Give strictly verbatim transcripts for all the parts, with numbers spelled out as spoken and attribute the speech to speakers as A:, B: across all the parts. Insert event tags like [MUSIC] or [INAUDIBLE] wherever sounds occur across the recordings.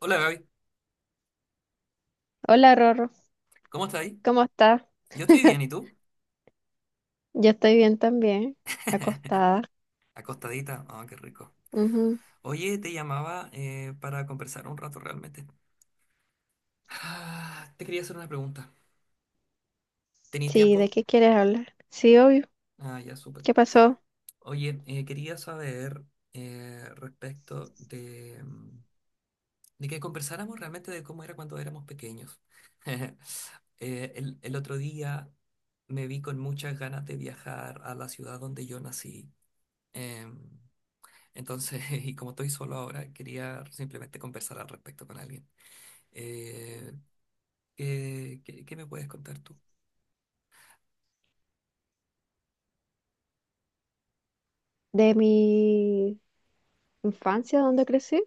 A: Hola Gaby,
B: Hola Rorro,
A: ¿cómo estás ahí?
B: ¿cómo estás?
A: Yo estoy bien, ¿y tú?
B: Yo estoy bien también,
A: [LAUGHS]
B: acostada.
A: Acostadita, ah, qué rico.
B: Ujú.
A: Oye, te llamaba eh, para conversar un rato realmente. Ah, te quería hacer una pregunta. ¿Tenéis
B: Sí, ¿de
A: tiempo?
B: qué quieres hablar? Sí, obvio.
A: Ah, ya, súper.
B: ¿Qué pasó?
A: Oye, eh, quería saber eh, respecto de, mm, de que conversáramos realmente de cómo era cuando éramos pequeños. [LAUGHS] Eh, el, el otro día me vi con muchas ganas de viajar a la ciudad donde yo nací. Em, Entonces, [LAUGHS] y como estoy solo ahora, quería simplemente conversar al respecto con alguien. Eh, ¿qué, qué- qué me puedes contar tú?
B: ¿De mi infancia, dónde crecí?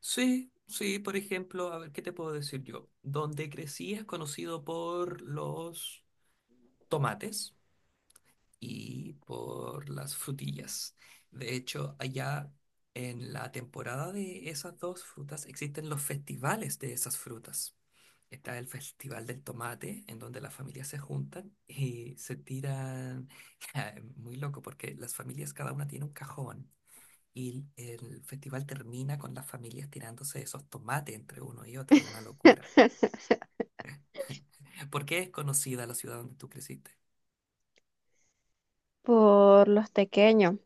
A: Sí, sí, por ejemplo, a ver, ¿qué te puedo decir yo? Donde crecí es conocido por los tomates y por las frutillas. De hecho, allá en la temporada de esas dos frutas existen los festivales de esas frutas. Está el Festival del Tomate, en donde las familias se juntan y se tiran, [LAUGHS] muy loco, porque las familias cada una tiene un cajón y el festival termina con las familias tirándose esos tomates entre uno y otro, es una locura.
B: [LAUGHS]
A: [LAUGHS] ¿Por qué es conocida la ciudad donde tú creciste?
B: Por los tequeños.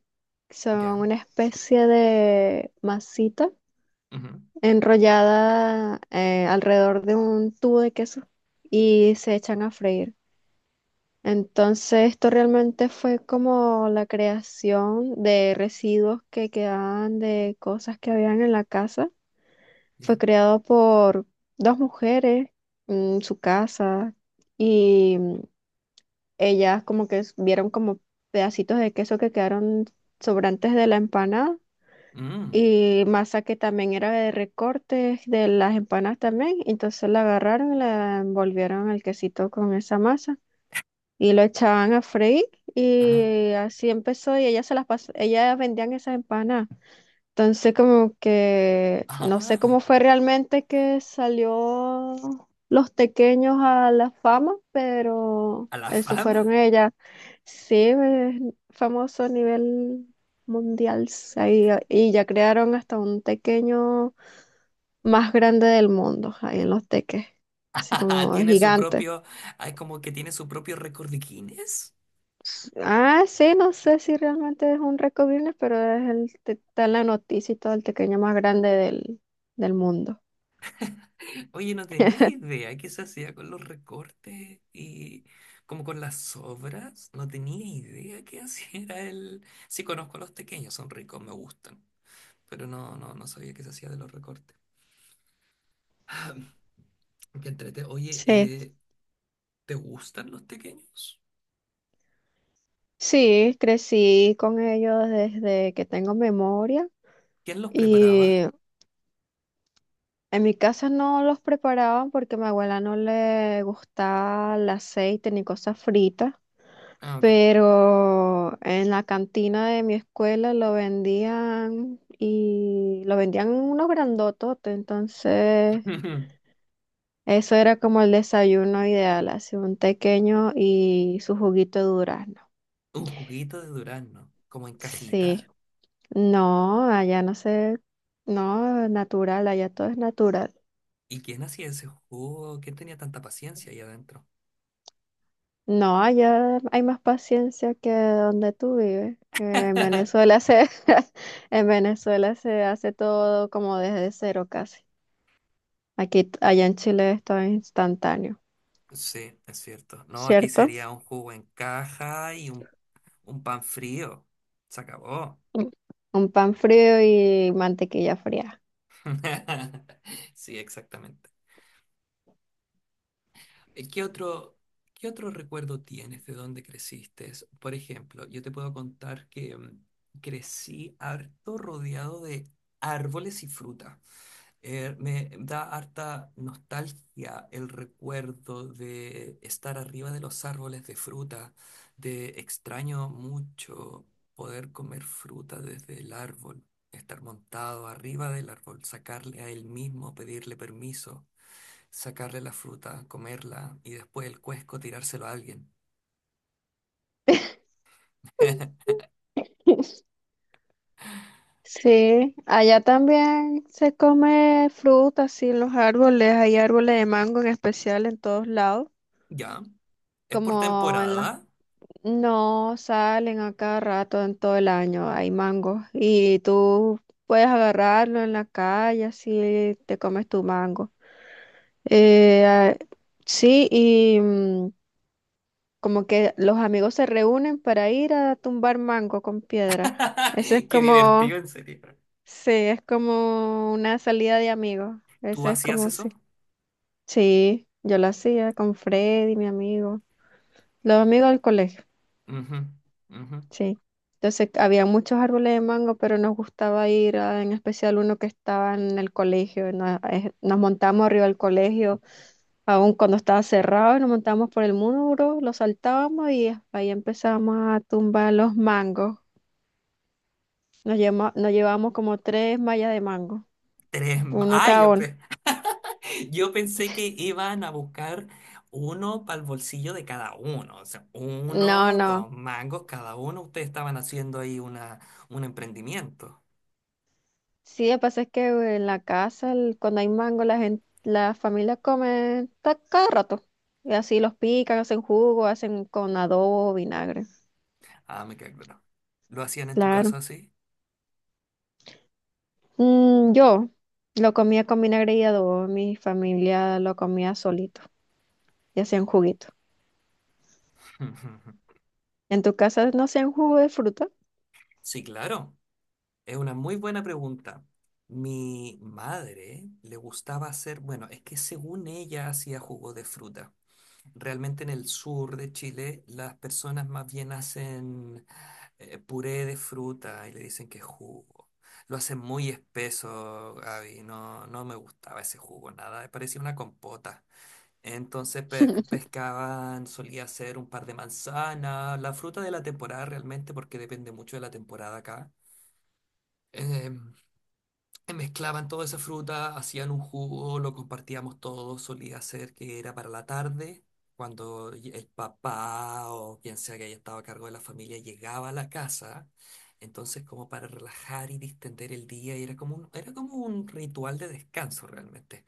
B: Son
A: Ya,
B: una especie de masita
A: ujú.
B: enrollada eh, alrededor de un tubo de queso y se echan a freír. Entonces, esto realmente fue como la creación de residuos que quedaban de cosas que habían en la casa.
A: Ya.
B: Fue creado por dos mujeres en su casa y mm, ellas como que s- vieron como pedacitos de queso que quedaron sobrantes de la empanada
A: Mm.
B: y masa que también era de recortes de las empanadas también. Entonces la agarraron y la envolvieron el quesito con esa masa y lo echaban a freír
A: Ajá.
B: y así empezó y ellas se las pas- ellas vendían esas empanadas. Entonces como que no sé
A: Ah,
B: cómo fue realmente que salió los tequeños a la fama, pero
A: a la
B: eso
A: fama.
B: fueron
A: [LAUGHS]
B: ellas. Sí, eh, famoso a nivel mundial sí, ahí, ah, y ya crearon hasta un tequeño más grande del mundo ahí en los teques, así como
A: Tiene su
B: gigante.
A: propio, ah, es como que tiene su propio récord de Guinness.
B: Ah, sí, no sé si realmente es un récord Guinness, pero es el, te- está en la noticia y todo el pequeño más grande del, del mundo.
A: Oye, no tenía idea qué se hacía con los recortes y como con las sobras. No tenía idea qué hacía [LAUGHS] era el... Sí conozco a los pequeños, son ricos, me gustan, pero no, no, no sabía qué se hacía de los recortes. [CLEARS THROAT] Ah, qué entrete. Oye,
B: Sí.
A: eh, ¿te gustan los pequeños?
B: Sí, crecí con ellos desde que tengo memoria
A: ¿Quién los preparaba?
B: y en mi casa no los preparaban porque a mi abuela no le gustaba el aceite ni cosas fritas,
A: Ah, ok.
B: pero en la cantina de mi escuela lo vendían y lo vendían unos grandototes, entonces...
A: [LAUGHS] Un
B: Eso era como el desayuno ideal, así un tequeño y su juguito de durazno.
A: juguito de durazno, como en
B: Sí,
A: cajita.
B: no, allá no sé, no, natural, allá todo es natural.
A: ¿Y quién hacía ese jugo? ¿Quién tenía tanta paciencia ahí adentro?
B: No, allá hay más paciencia que donde tú vives. Eh, En Venezuela se, [LAUGHS] en Venezuela se hace todo como desde cero casi. Aquí, allá en Chile es todo instantáneo,
A: Sí, es cierto. No, aquí
B: ¿cierto?
A: sería un jugo en caja y un, un pan frío. Se acabó.
B: Mm. Un pan frío y mantequilla fría.
A: [LAUGHS] Sí, exactamente. Eh, ¿Qué otro, qué otro recuerdo tienes de dónde creciste? Es- Por ejemplo, yo te puedo contar que mm, crecí harto rodeado de árboles y fruta. Eh, me da harta nostalgia el recuerdo de estar arriba de los árboles de fruta, de extraño mucho poder comer fruta desde el árbol, estar montado arriba del árbol, sacarle a él mismo, pedirle permiso, sacarle la fruta, comerla y después el cuesco tirárselo a alguien. [LAUGHS]
B: [LAUGHS] Sí, allá también se come fruta, sí, los árboles, hay árboles de mango en especial en todos lados,
A: Ya, es por
B: como en las
A: temporada.
B: No salen a cada rato en todo el año, hay mangos y tú puedes agarrarlo en la calle, así te comes tu mango. Eh, ah, sí, y mm, como que los amigos se reúnen para ir a tumbar mango con piedra.
A: [LAUGHS]
B: Eso es
A: Qué
B: como
A: divertido, en serio.
B: Sí, es como una salida de amigos. Eso
A: ¿Tú
B: es
A: hacías
B: como si.
A: eso?
B: Sí, yo lo hacía con Freddy, mi amigo. Los amigos del colegio,
A: Ujú, ujú.
B: sí. Entonces había muchos árboles de mango, pero nos gustaba ir a, en especial uno que estaba en el colegio. Nos, eh, nos montamos arriba del colegio, aún cuando estaba cerrado, y nos montábamos por el muro, lo saltábamos y ahí empezábamos a tumbar los mangos. Nos, llevamos nos llevábamos como tres mallas de mango,
A: Tres. Ma-
B: uno
A: Ah,
B: cada
A: yo,
B: uno.
A: pe- yo pensé que iban a buscar uno para el bolsillo de cada uno. O sea,
B: No,
A: uno,
B: no.
A: dos mangos cada uno. Ustedes estaban haciendo ahí una, un emprendimiento.
B: Sí, lo que pasa es que en la casa, el- cuando hay mango, la gente, la familia come ta- cada rato. Y así los pican, hacen jugo, hacen con adobo, vinagre.
A: Ah, me queda claro. ¿Lo hacían en tu
B: Claro.
A: casa así?
B: Mm, yo lo comía con vinagre y adobo, mi familia lo comía solito y hacían juguito.
A: [LAUGHS]
B: ¿En tu casa no hacían jugo de fruta?
A: Sí, claro. Es una muy buena pregunta. Mi madre le gustaba hacer, bueno, es que según ella hacía jugo de fruta. Realmente en el sur de Chile las personas más bien hacen eh, puré de fruta y le dicen que es jugo. Lo hacen muy espeso, Gaby. No, no me gustaba ese jugo, nada. Parecía una compota. Entonces pe-
B: [LAUGHS]
A: pescaban, solía hacer un par de manzanas, la fruta de la temporada realmente, porque depende mucho de la temporada acá. em, Mezclaban toda esa fruta, hacían un jugo, lo compartíamos todos, solía ser que era para la tarde, cuando y- el papá o quien sea que haya estado a cargo de la familia llegaba a la casa, entonces como para relajar y distender el día, y era como un, era como un ritual de descanso realmente.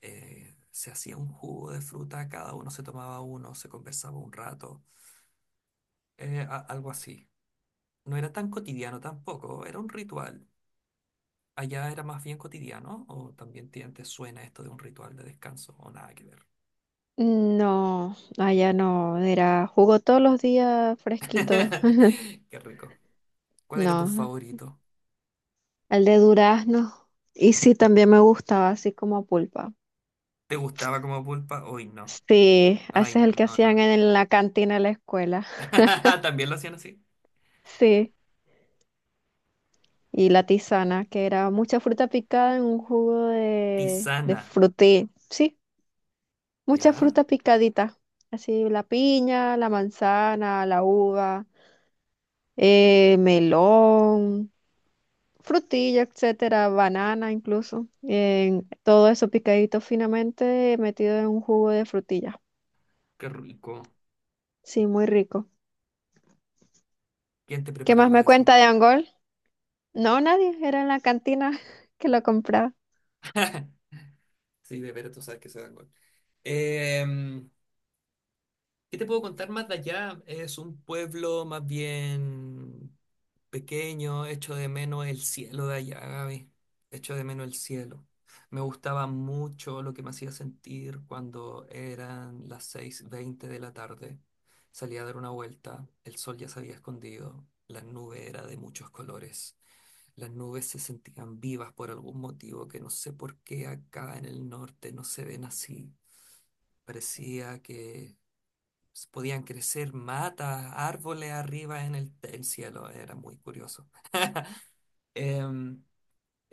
A: Eh, se hacía un jugo de fruta, cada uno se tomaba uno, se conversaba un rato, eh, a- algo así. No era tan cotidiano tampoco, era un ritual allá era más bien cotidiano o también te, te suena esto de un ritual de descanso o nada que ver.
B: No, allá no, era jugo todos los días fresquito.
A: [LAUGHS] Qué rico. ¿Cuál era tu
B: No,
A: favorito?
B: el de durazno. Y sí, también me gustaba así como pulpa.
A: ¿Te gustaba como pulpa? Hoy no.
B: Sí,
A: Ay,
B: ese es el que
A: no, no,
B: hacían
A: no.
B: en la cantina de la escuela. [LAUGHS]
A: [LAUGHS] ¿También lo hacían así?
B: Sí, y la tisana, que era mucha fruta picada en un jugo de, de
A: Tisana.
B: frutí. Sí, mucha
A: ¿Ya?
B: fruta picadita. Así la piña, la manzana, la uva, eh, melón, frutilla, etcétera, banana incluso. En- todo eso picadito finamente metido en un jugo de frutilla.
A: Qué rico.
B: Sí, muy rico.
A: ¿Quién te
B: ¿Qué más me
A: preparaba
B: cuenta
A: eso?
B: de Angol? No, nadie, era en la cantina [LAUGHS] que lo compraba.
A: [LAUGHS] Sí, de veras, tú sabes que se dan gol. Em, ¿Qué te puedo contar más de allá? Es un pueblo más bien pequeño, hecho de menos el cielo de allá, Gaby. Hecho de menos el cielo. Me gustaba mucho lo que me hacía sentir cuando eran las seis veinte de la tarde. Salía a dar una vuelta, el sol ya se había escondido, la nube era de muchos colores. Las nubes se sentían vivas por algún motivo que no sé por qué acá en el norte no se ven así. Parecía que s- podían crecer matas, árboles arriba en el, el cielo, era muy curioso. Em,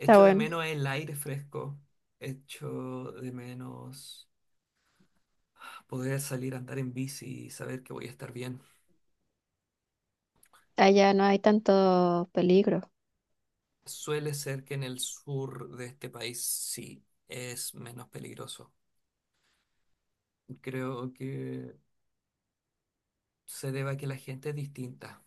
B: Está
A: de
B: bueno.
A: menos el aire fresco, echo de menos poder salir a andar en bici y saber que voy a estar bien.
B: Allá no hay tanto peligro.
A: Suele ser que en el sur de este país sí es menos peligroso. Creo que se debe a que la gente es distinta.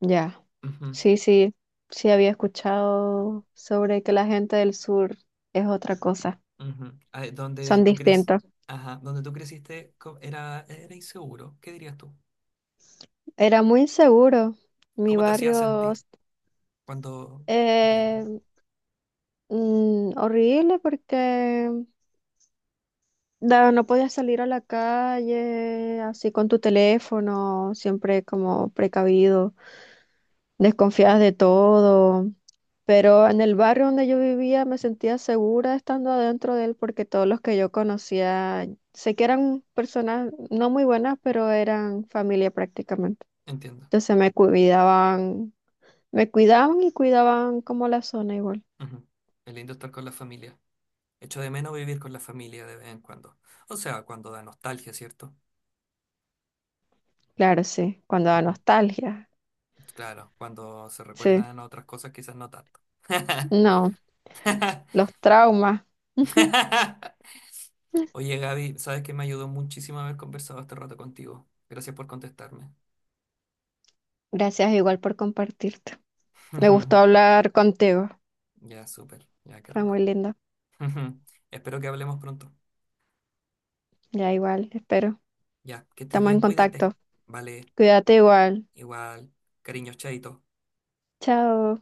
B: Ya.
A: Ujú,
B: Sí, sí, sí había escuchado sobre que la gente del sur es otra cosa.
A: ujú. Ah, donde
B: Son
A: tú crees,
B: distintos.
A: ajá, donde tú creciste co- era, era inseguro. ¿Qué dirías tú?
B: Era muy inseguro. Mi
A: ¿Cómo te hacía
B: barrio,
A: sentir? Cuando pequeño.
B: eh, mm, horrible porque da- no podías salir a la calle así con tu teléfono, siempre como precavido, desconfiadas de todo. Pero en el barrio donde yo vivía me sentía segura estando adentro de él porque todos los que yo conocía, sé que eran personas no muy buenas, pero eran familia prácticamente.
A: Entiendo.
B: Entonces me cuidaban, me cuidaban y cuidaban como la zona igual.
A: Ujú. Es lindo estar con la familia. Echo de menos vivir con la familia de vez en cuando. O sea, cuando da nostalgia, ¿cierto?
B: Claro, sí, cuando da
A: Ujú.
B: nostalgia,
A: Claro, cuando se
B: sí,
A: recuerdan otras cosas, quizás no tanto. [LAUGHS]
B: no, los traumas. [LAUGHS]
A: Oye, Gaby, sabes que me ayudó muchísimo haber conversado este rato contigo. Gracias por contestarme.
B: Gracias igual por compartirte. Me gustó
A: [LAUGHS]
B: hablar contigo.
A: Ya, súper. Ya, qué
B: Fue muy
A: rico.
B: lindo.
A: [LAUGHS] Espero que hablemos pronto.
B: Ya igual, espero.
A: Ya, que estés
B: Estamos en
A: bien, cuídate.
B: contacto.
A: Vale,
B: Cuídate igual.
A: igual. Cariños, chaito.
B: Chao.